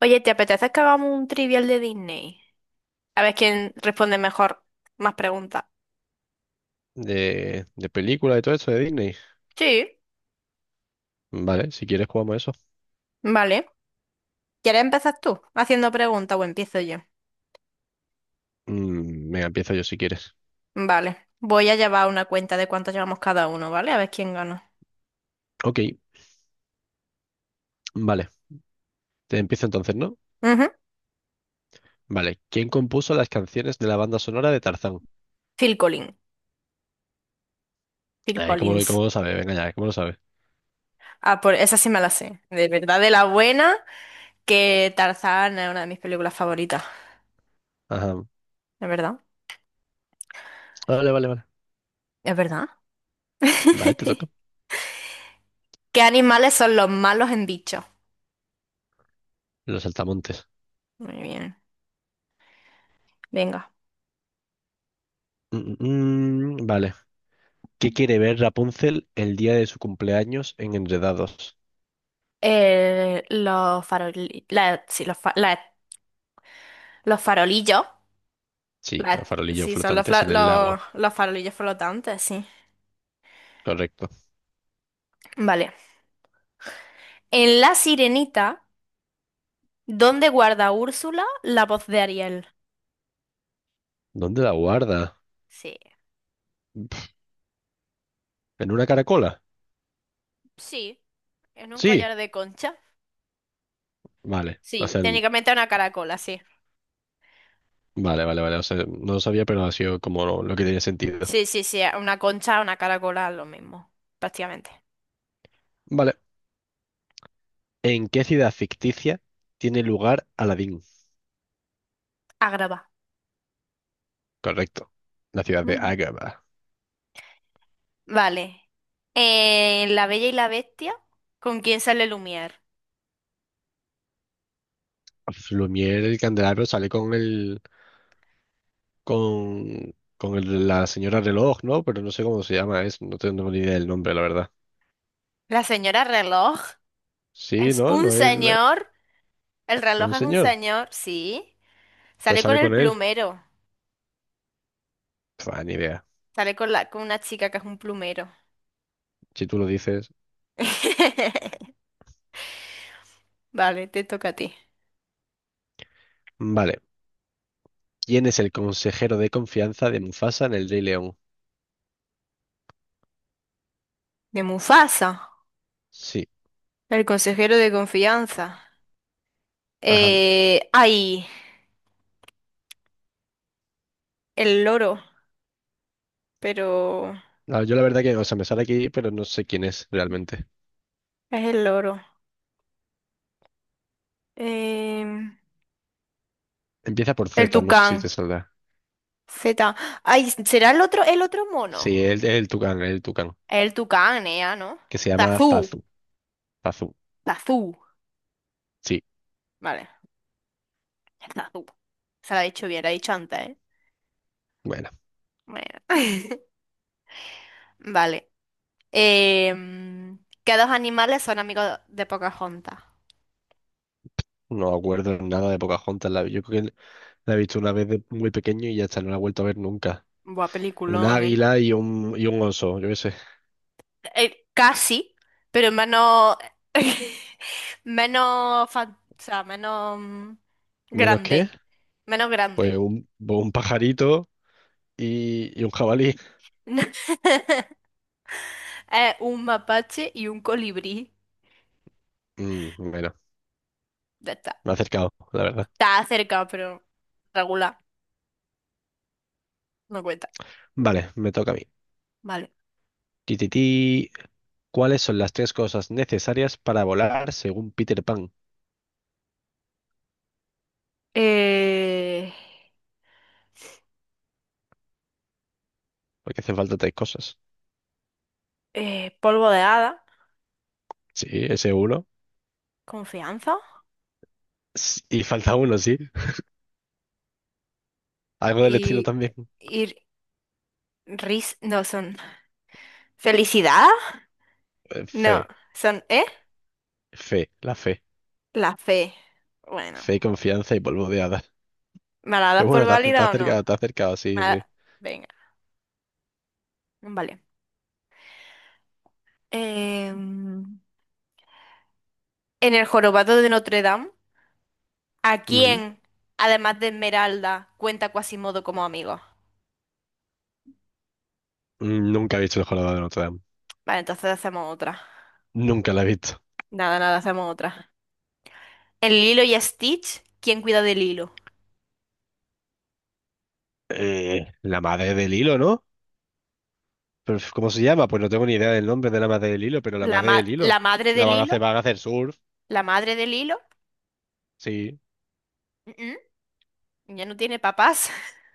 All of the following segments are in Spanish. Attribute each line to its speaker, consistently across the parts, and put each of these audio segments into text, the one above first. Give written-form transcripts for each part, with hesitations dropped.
Speaker 1: Oye, ¿te apetece que hagamos un trivial de Disney? A ver quién responde mejor más preguntas.
Speaker 2: De película y todo eso de Disney.
Speaker 1: Sí,
Speaker 2: Vale, si quieres jugamos eso.
Speaker 1: vale. ¿Quieres empezar tú haciendo preguntas o empiezo yo?
Speaker 2: Venga, empiezo yo si quieres.
Speaker 1: Vale. Voy a llevar una cuenta de cuánto llevamos cada uno, ¿vale? A ver quién gana.
Speaker 2: Ok, vale. Te empiezo entonces, ¿no?
Speaker 1: Ujú.
Speaker 2: Vale. ¿Quién compuso las canciones de la banda sonora de Tarzán?
Speaker 1: Phil Collins. Phil
Speaker 2: Ay, ¿cómo lo,
Speaker 1: Collins.
Speaker 2: cómo lo sabe? Venga ya, ¿cómo lo sabe?
Speaker 1: Ah, por esa sí me la sé. De verdad, de la buena, que Tarzán es una de mis películas favoritas.
Speaker 2: Ajá.
Speaker 1: ¿Es verdad?
Speaker 2: Vale, vale, vale.
Speaker 1: ¿Es verdad?
Speaker 2: Vale, te toca.
Speaker 1: ¿Qué animales son los malos en Bichos?
Speaker 2: Los saltamontes.
Speaker 1: Muy bien. Venga.
Speaker 2: Vale. ¿Qué quiere ver Rapunzel el día de su cumpleaños en Enredados?
Speaker 1: Sí, los farolillos.
Speaker 2: Sí,
Speaker 1: La-
Speaker 2: los farolillos
Speaker 1: sí, son
Speaker 2: flotantes en el lago.
Speaker 1: los farolillos flotantes, sí.
Speaker 2: Correcto.
Speaker 1: Vale. En La Sirenita, ¿dónde guarda Úrsula la voz de Ariel?
Speaker 2: ¿Dónde la guarda?
Speaker 1: Sí,
Speaker 2: ¿En una caracola?
Speaker 1: sí. En un
Speaker 2: Sí.
Speaker 1: collar de concha.
Speaker 2: Vale. O
Speaker 1: Sí,
Speaker 2: sea, en
Speaker 1: técnicamente una caracola, sí.
Speaker 2: vale, vale, vale. O sea, no lo sabía, pero ha sido como lo que tenía sentido.
Speaker 1: Sí, sí, sí, una concha, una caracola, lo mismo, prácticamente.
Speaker 2: Vale. ¿En qué ciudad ficticia tiene lugar Aladdin?
Speaker 1: Agrava.
Speaker 2: Correcto. La ciudad de
Speaker 1: Mm.
Speaker 2: Agrabah.
Speaker 1: Vale. En La Bella y la Bestia, ¿con quién sale Lumière?
Speaker 2: Lumière, el candelabro sale con la señora reloj, ¿no? Pero no sé cómo se llama, es, no tengo ni idea del nombre, la verdad.
Speaker 1: La señora reloj
Speaker 2: Sí,
Speaker 1: es
Speaker 2: no,
Speaker 1: un
Speaker 2: es
Speaker 1: señor. El reloj
Speaker 2: un
Speaker 1: es un
Speaker 2: señor.
Speaker 1: señor, sí.
Speaker 2: Pues
Speaker 1: Sale con
Speaker 2: sale
Speaker 1: el
Speaker 2: con él.
Speaker 1: plumero.
Speaker 2: Pua, ni idea.
Speaker 1: Sale con la, con una chica que es un plumero.
Speaker 2: Si tú lo dices.
Speaker 1: Vale, te toca a ti.
Speaker 2: Vale. ¿Quién es el consejero de confianza de Mufasa en el Rey León?
Speaker 1: De Mufasa,
Speaker 2: Sí.
Speaker 1: el consejero de confianza.
Speaker 2: Ajá.
Speaker 1: Eh, ay, el loro, pero
Speaker 2: Ah, yo la verdad que, o sea, me sale aquí, pero no sé quién es realmente.
Speaker 1: es el loro. Em,
Speaker 2: Empieza por
Speaker 1: el
Speaker 2: Z, no sé si te
Speaker 1: tucán.
Speaker 2: saldrá.
Speaker 1: Z. Ay, ¿será el otro mono?
Speaker 2: Sí, es el Tucán,
Speaker 1: El tucán, Nea, ¿no?
Speaker 2: que se llama
Speaker 1: Tazú.
Speaker 2: Zazu. Zazu,
Speaker 1: Tazú.
Speaker 2: sí.
Speaker 1: Vale. Ya está. Se la ha dicho bien, la ha dicho antes, ¿eh?
Speaker 2: Bueno,
Speaker 1: Bueno. Vale. ¿Qué dos animales son amigos de Pocahontas?
Speaker 2: no me acuerdo nada de Pocahontas. La, yo creo que la he visto una vez de muy pequeño y ya está, no la he vuelto a ver nunca.
Speaker 1: Buah,
Speaker 2: Un
Speaker 1: peliculón, ¿eh?
Speaker 2: águila y un oso, yo qué sé.
Speaker 1: Casi, pero menos. Menos. O sea, menos.
Speaker 2: ¿Menos qué?
Speaker 1: Grande. Menos
Speaker 2: Pues
Speaker 1: grande.
Speaker 2: un pajarito y un jabalí.
Speaker 1: Es un mapache y un colibrí.
Speaker 2: Mm, bueno,
Speaker 1: Ya está.
Speaker 2: me ha acercado, la verdad.
Speaker 1: Está cerca, pero regular. No cuenta.
Speaker 2: Vale, me toca a mí.
Speaker 1: Vale.
Speaker 2: Tititi. ¿Cuáles son las tres cosas necesarias para volar según Peter Pan?
Speaker 1: eh,
Speaker 2: Porque hacen falta tres cosas.
Speaker 1: polvo de hada,
Speaker 2: Sí, ese uno.
Speaker 1: confianza
Speaker 2: Y falta uno, sí. Algo del estilo
Speaker 1: y,
Speaker 2: también.
Speaker 1: y no son felicidad, no,
Speaker 2: Fe,
Speaker 1: son, ¿eh?
Speaker 2: la fe.
Speaker 1: La fe. Bueno,
Speaker 2: Fe, confianza y polvo de hadas.
Speaker 1: ¿me la das
Speaker 2: Pero
Speaker 1: por
Speaker 2: bueno,
Speaker 1: válida o no?
Speaker 2: te has acercado,
Speaker 1: Me
Speaker 2: sí, sí.
Speaker 1: la- Venga, vale. Em, en el jorobado de Notre Dame, ¿a
Speaker 2: Ujú.
Speaker 1: quién, además de Esmeralda, cuenta Quasimodo como amigo?
Speaker 2: Nunca he visto el jorobado de Notre Dame.
Speaker 1: Vale, entonces hacemos otra.
Speaker 2: Nunca la he visto.
Speaker 1: Nada, nada, hacemos otra. En Lilo y Stitch, ¿quién cuida de Lilo?
Speaker 2: La madre del hilo, ¿no? Pero, ¿cómo se llama? Pues no tengo ni idea del nombre de la madre del hilo, pero la madre del
Speaker 1: La
Speaker 2: hilo.
Speaker 1: madre
Speaker 2: La
Speaker 1: del hilo,
Speaker 2: van a hacer surf.
Speaker 1: la madre del hilo,
Speaker 2: Sí,
Speaker 1: mm, ya no tiene papás.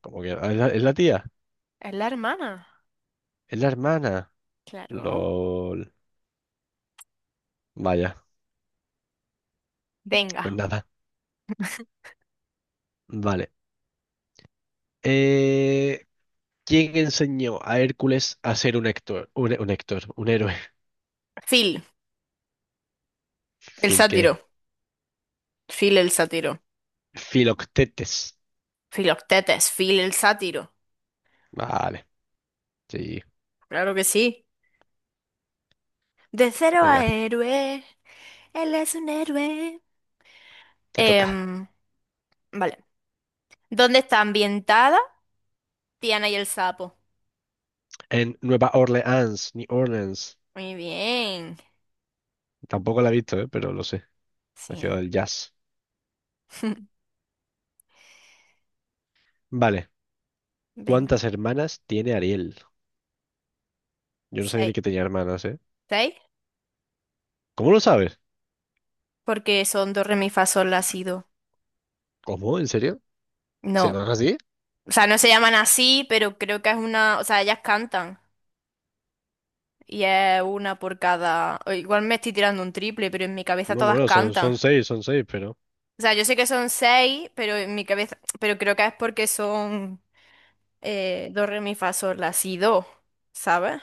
Speaker 2: como que. ¿Es es la tía?
Speaker 1: Es la hermana,
Speaker 2: ¿Es la hermana?
Speaker 1: claro.
Speaker 2: LOL. Vaya, pues
Speaker 1: Venga.
Speaker 2: nada. Vale. Eh, ¿Quién enseñó a Hércules a ser un Héctor? Un Héctor, un héroe.
Speaker 1: Phil, el
Speaker 2: Fil que.
Speaker 1: sátiro. Phil el sátiro.
Speaker 2: Filoctetes.
Speaker 1: Filoctetes, Phil el sátiro.
Speaker 2: Vale, sí.
Speaker 1: Claro que sí. De cero a
Speaker 2: Venga,
Speaker 1: héroe. Él es un héroe.
Speaker 2: te toca.
Speaker 1: Em, vale. ¿Dónde está ambientada Tiana y el sapo?
Speaker 2: En Nueva Orleans, New Orleans.
Speaker 1: Muy bien.
Speaker 2: Tampoco la he visto, ¿eh? Pero lo sé. La ciudad
Speaker 1: Sí.
Speaker 2: del jazz. Vale.
Speaker 1: Venga.
Speaker 2: ¿Cuántas hermanas tiene Ariel? Yo no sabía ni
Speaker 1: Seis.
Speaker 2: que tenía hermanas, ¿eh?
Speaker 1: ¿Seis?
Speaker 2: ¿Cómo lo sabes?
Speaker 1: Porque son dos re, mi, fa, sol, la, si, do.
Speaker 2: ¿Cómo? ¿En serio? ¿Se
Speaker 1: No,
Speaker 2: llaman así?
Speaker 1: o sea, no se llaman así, pero creo que es una, o sea, ellas cantan y es una por cada, o igual me estoy tirando un triple, pero en mi cabeza
Speaker 2: No,
Speaker 1: todas
Speaker 2: bueno,
Speaker 1: cantan.
Speaker 2: son seis, pero.
Speaker 1: O sea, yo sé que son seis, pero en mi cabeza, pero creo que es porque son do, re, mi, fa, sol, la, si, do, ¿sabes?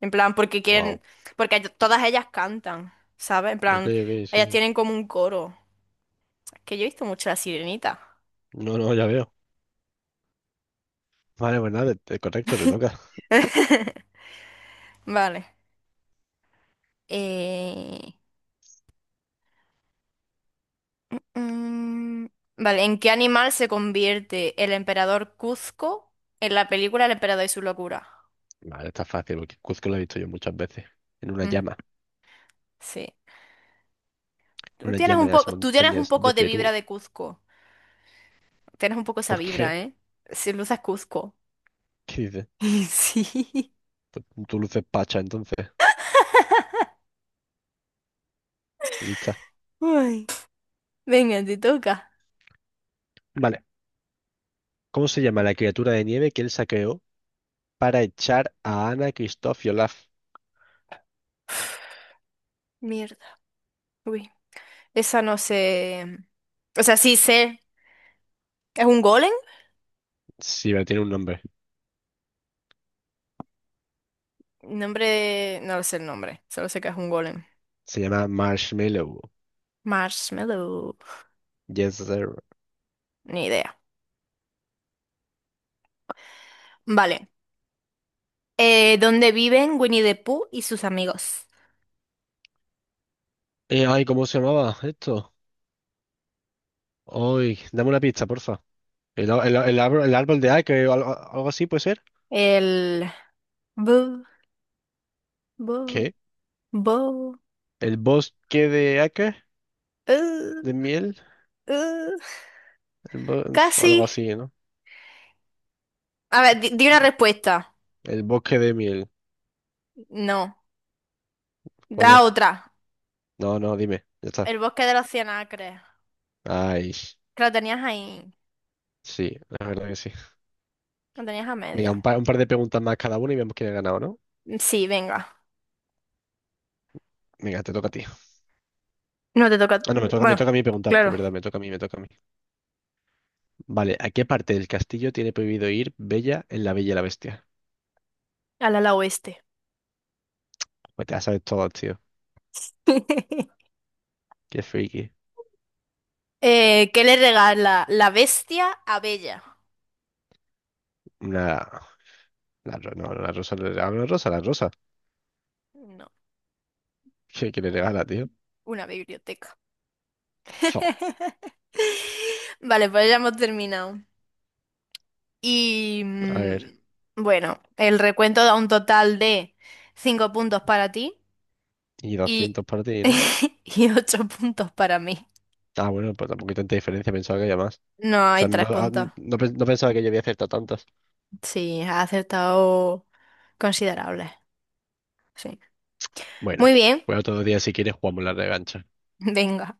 Speaker 1: En plan, porque
Speaker 2: Wow.
Speaker 1: quieren, porque ellas- todas ellas cantan, ¿sabes? En
Speaker 2: Ok,
Speaker 1: plan,
Speaker 2: ok,
Speaker 1: ellas
Speaker 2: sí.
Speaker 1: tienen como un coro. Es que yo he visto mucho La Sirenita.
Speaker 2: No, no, ya veo. Vale, pues nada, correcto, te toca.
Speaker 1: Vale. Eh, Mm, vale, ¿en qué animal se convierte el emperador Cuzco en la película El emperador y su locura?
Speaker 2: Vale, está fácil, porque Cuzco lo he visto yo muchas veces. En una
Speaker 1: Mm,
Speaker 2: llama,
Speaker 1: sí.
Speaker 2: en
Speaker 1: Tú
Speaker 2: una
Speaker 1: tienes
Speaker 2: llama
Speaker 1: un
Speaker 2: de las
Speaker 1: poco, tú tienes un
Speaker 2: montañas
Speaker 1: poco
Speaker 2: de
Speaker 1: de vibra
Speaker 2: Perú.
Speaker 1: de Cuzco. Tienes un poco esa
Speaker 2: ¿Por qué?
Speaker 1: vibra, ¿eh? Si luces Cuzco.
Speaker 2: ¿Qué dices?
Speaker 1: Sí.
Speaker 2: Pues tú luces pacha, entonces. Lista.
Speaker 1: Ay. Venga, te toca.
Speaker 2: Vale. ¿Cómo se llama la criatura de nieve que él saqueó para echar a Anna, Kristoff y Olaf?
Speaker 1: Mierda. Uy. Esa no sé. O sea, sí sé. ¿Es un golem?
Speaker 2: Sí, pero tiene un nombre.
Speaker 1: Nombre. No lo sé el nombre. Solo sé que es un golem.
Speaker 2: Se llama Marshmallow.
Speaker 1: Marshmallow.
Speaker 2: Yes, sir.
Speaker 1: Ni idea. Vale. Donde viven Winnie the Pooh y sus amigos.
Speaker 2: ¿Cómo se llamaba esto? Ay, dame una pista, porfa. El árbol, el árbol de Ake o algo, algo así puede ser.
Speaker 1: El... bu- bu-
Speaker 2: ¿Qué?
Speaker 1: bu-
Speaker 2: El bosque de acá,
Speaker 1: uh,
Speaker 2: de miel,
Speaker 1: uh,
Speaker 2: algo
Speaker 1: casi.
Speaker 2: así, ¿no?
Speaker 1: A ver, di, di una respuesta.
Speaker 2: El bosque de miel,
Speaker 1: No.
Speaker 2: ¿cuál
Speaker 1: Da
Speaker 2: es?
Speaker 1: otra.
Speaker 2: No, no, dime, ya está.
Speaker 1: El bosque de los cien acres.
Speaker 2: Ay,
Speaker 1: Que lo tenías ahí.
Speaker 2: sí, la verdad que sí.
Speaker 1: Lo tenías a
Speaker 2: Venga,
Speaker 1: media.
Speaker 2: un par de preguntas más cada uno y vemos quién ha ganado, ¿no?
Speaker 1: Sí, venga.
Speaker 2: Venga, te toca a ti. Ah,
Speaker 1: No te toca.
Speaker 2: no, Me toca, me
Speaker 1: Bueno,
Speaker 2: toca a mí preguntar, pero
Speaker 1: claro.
Speaker 2: verdad, me toca a mí, me toca a mí. Vale, ¿a qué parte del castillo tiene prohibido ir Bella en La Bella y la Bestia?
Speaker 1: Al ala oeste.
Speaker 2: Pues te la sabes todo, tío. Qué friki.
Speaker 1: ¿Qué le regala la bestia a Bella?
Speaker 2: Una... La, ro- no, la rosa, Le regala una rosa, la rosa.
Speaker 1: No,
Speaker 2: ¿Qué, qué le regala, tío?
Speaker 1: una biblioteca.
Speaker 2: Fo.
Speaker 1: Vale, pues ya hemos terminado. Y
Speaker 2: A ver,
Speaker 1: bueno, el recuento da un total de 5 puntos para ti
Speaker 2: y 200
Speaker 1: y,
Speaker 2: para ti, ¿no?
Speaker 1: y 8 puntos para mí.
Speaker 2: Ah, bueno, pues tampoco hay tanta diferencia, pensaba que había más.
Speaker 1: No, hay 3 puntos.
Speaker 2: No pensaba que yo había acertado tantas.
Speaker 1: Sí, has acertado considerables. Sí. Muy
Speaker 2: Bueno,
Speaker 1: bien,
Speaker 2: pues otro día si quieres jugamos la revancha.
Speaker 1: venga.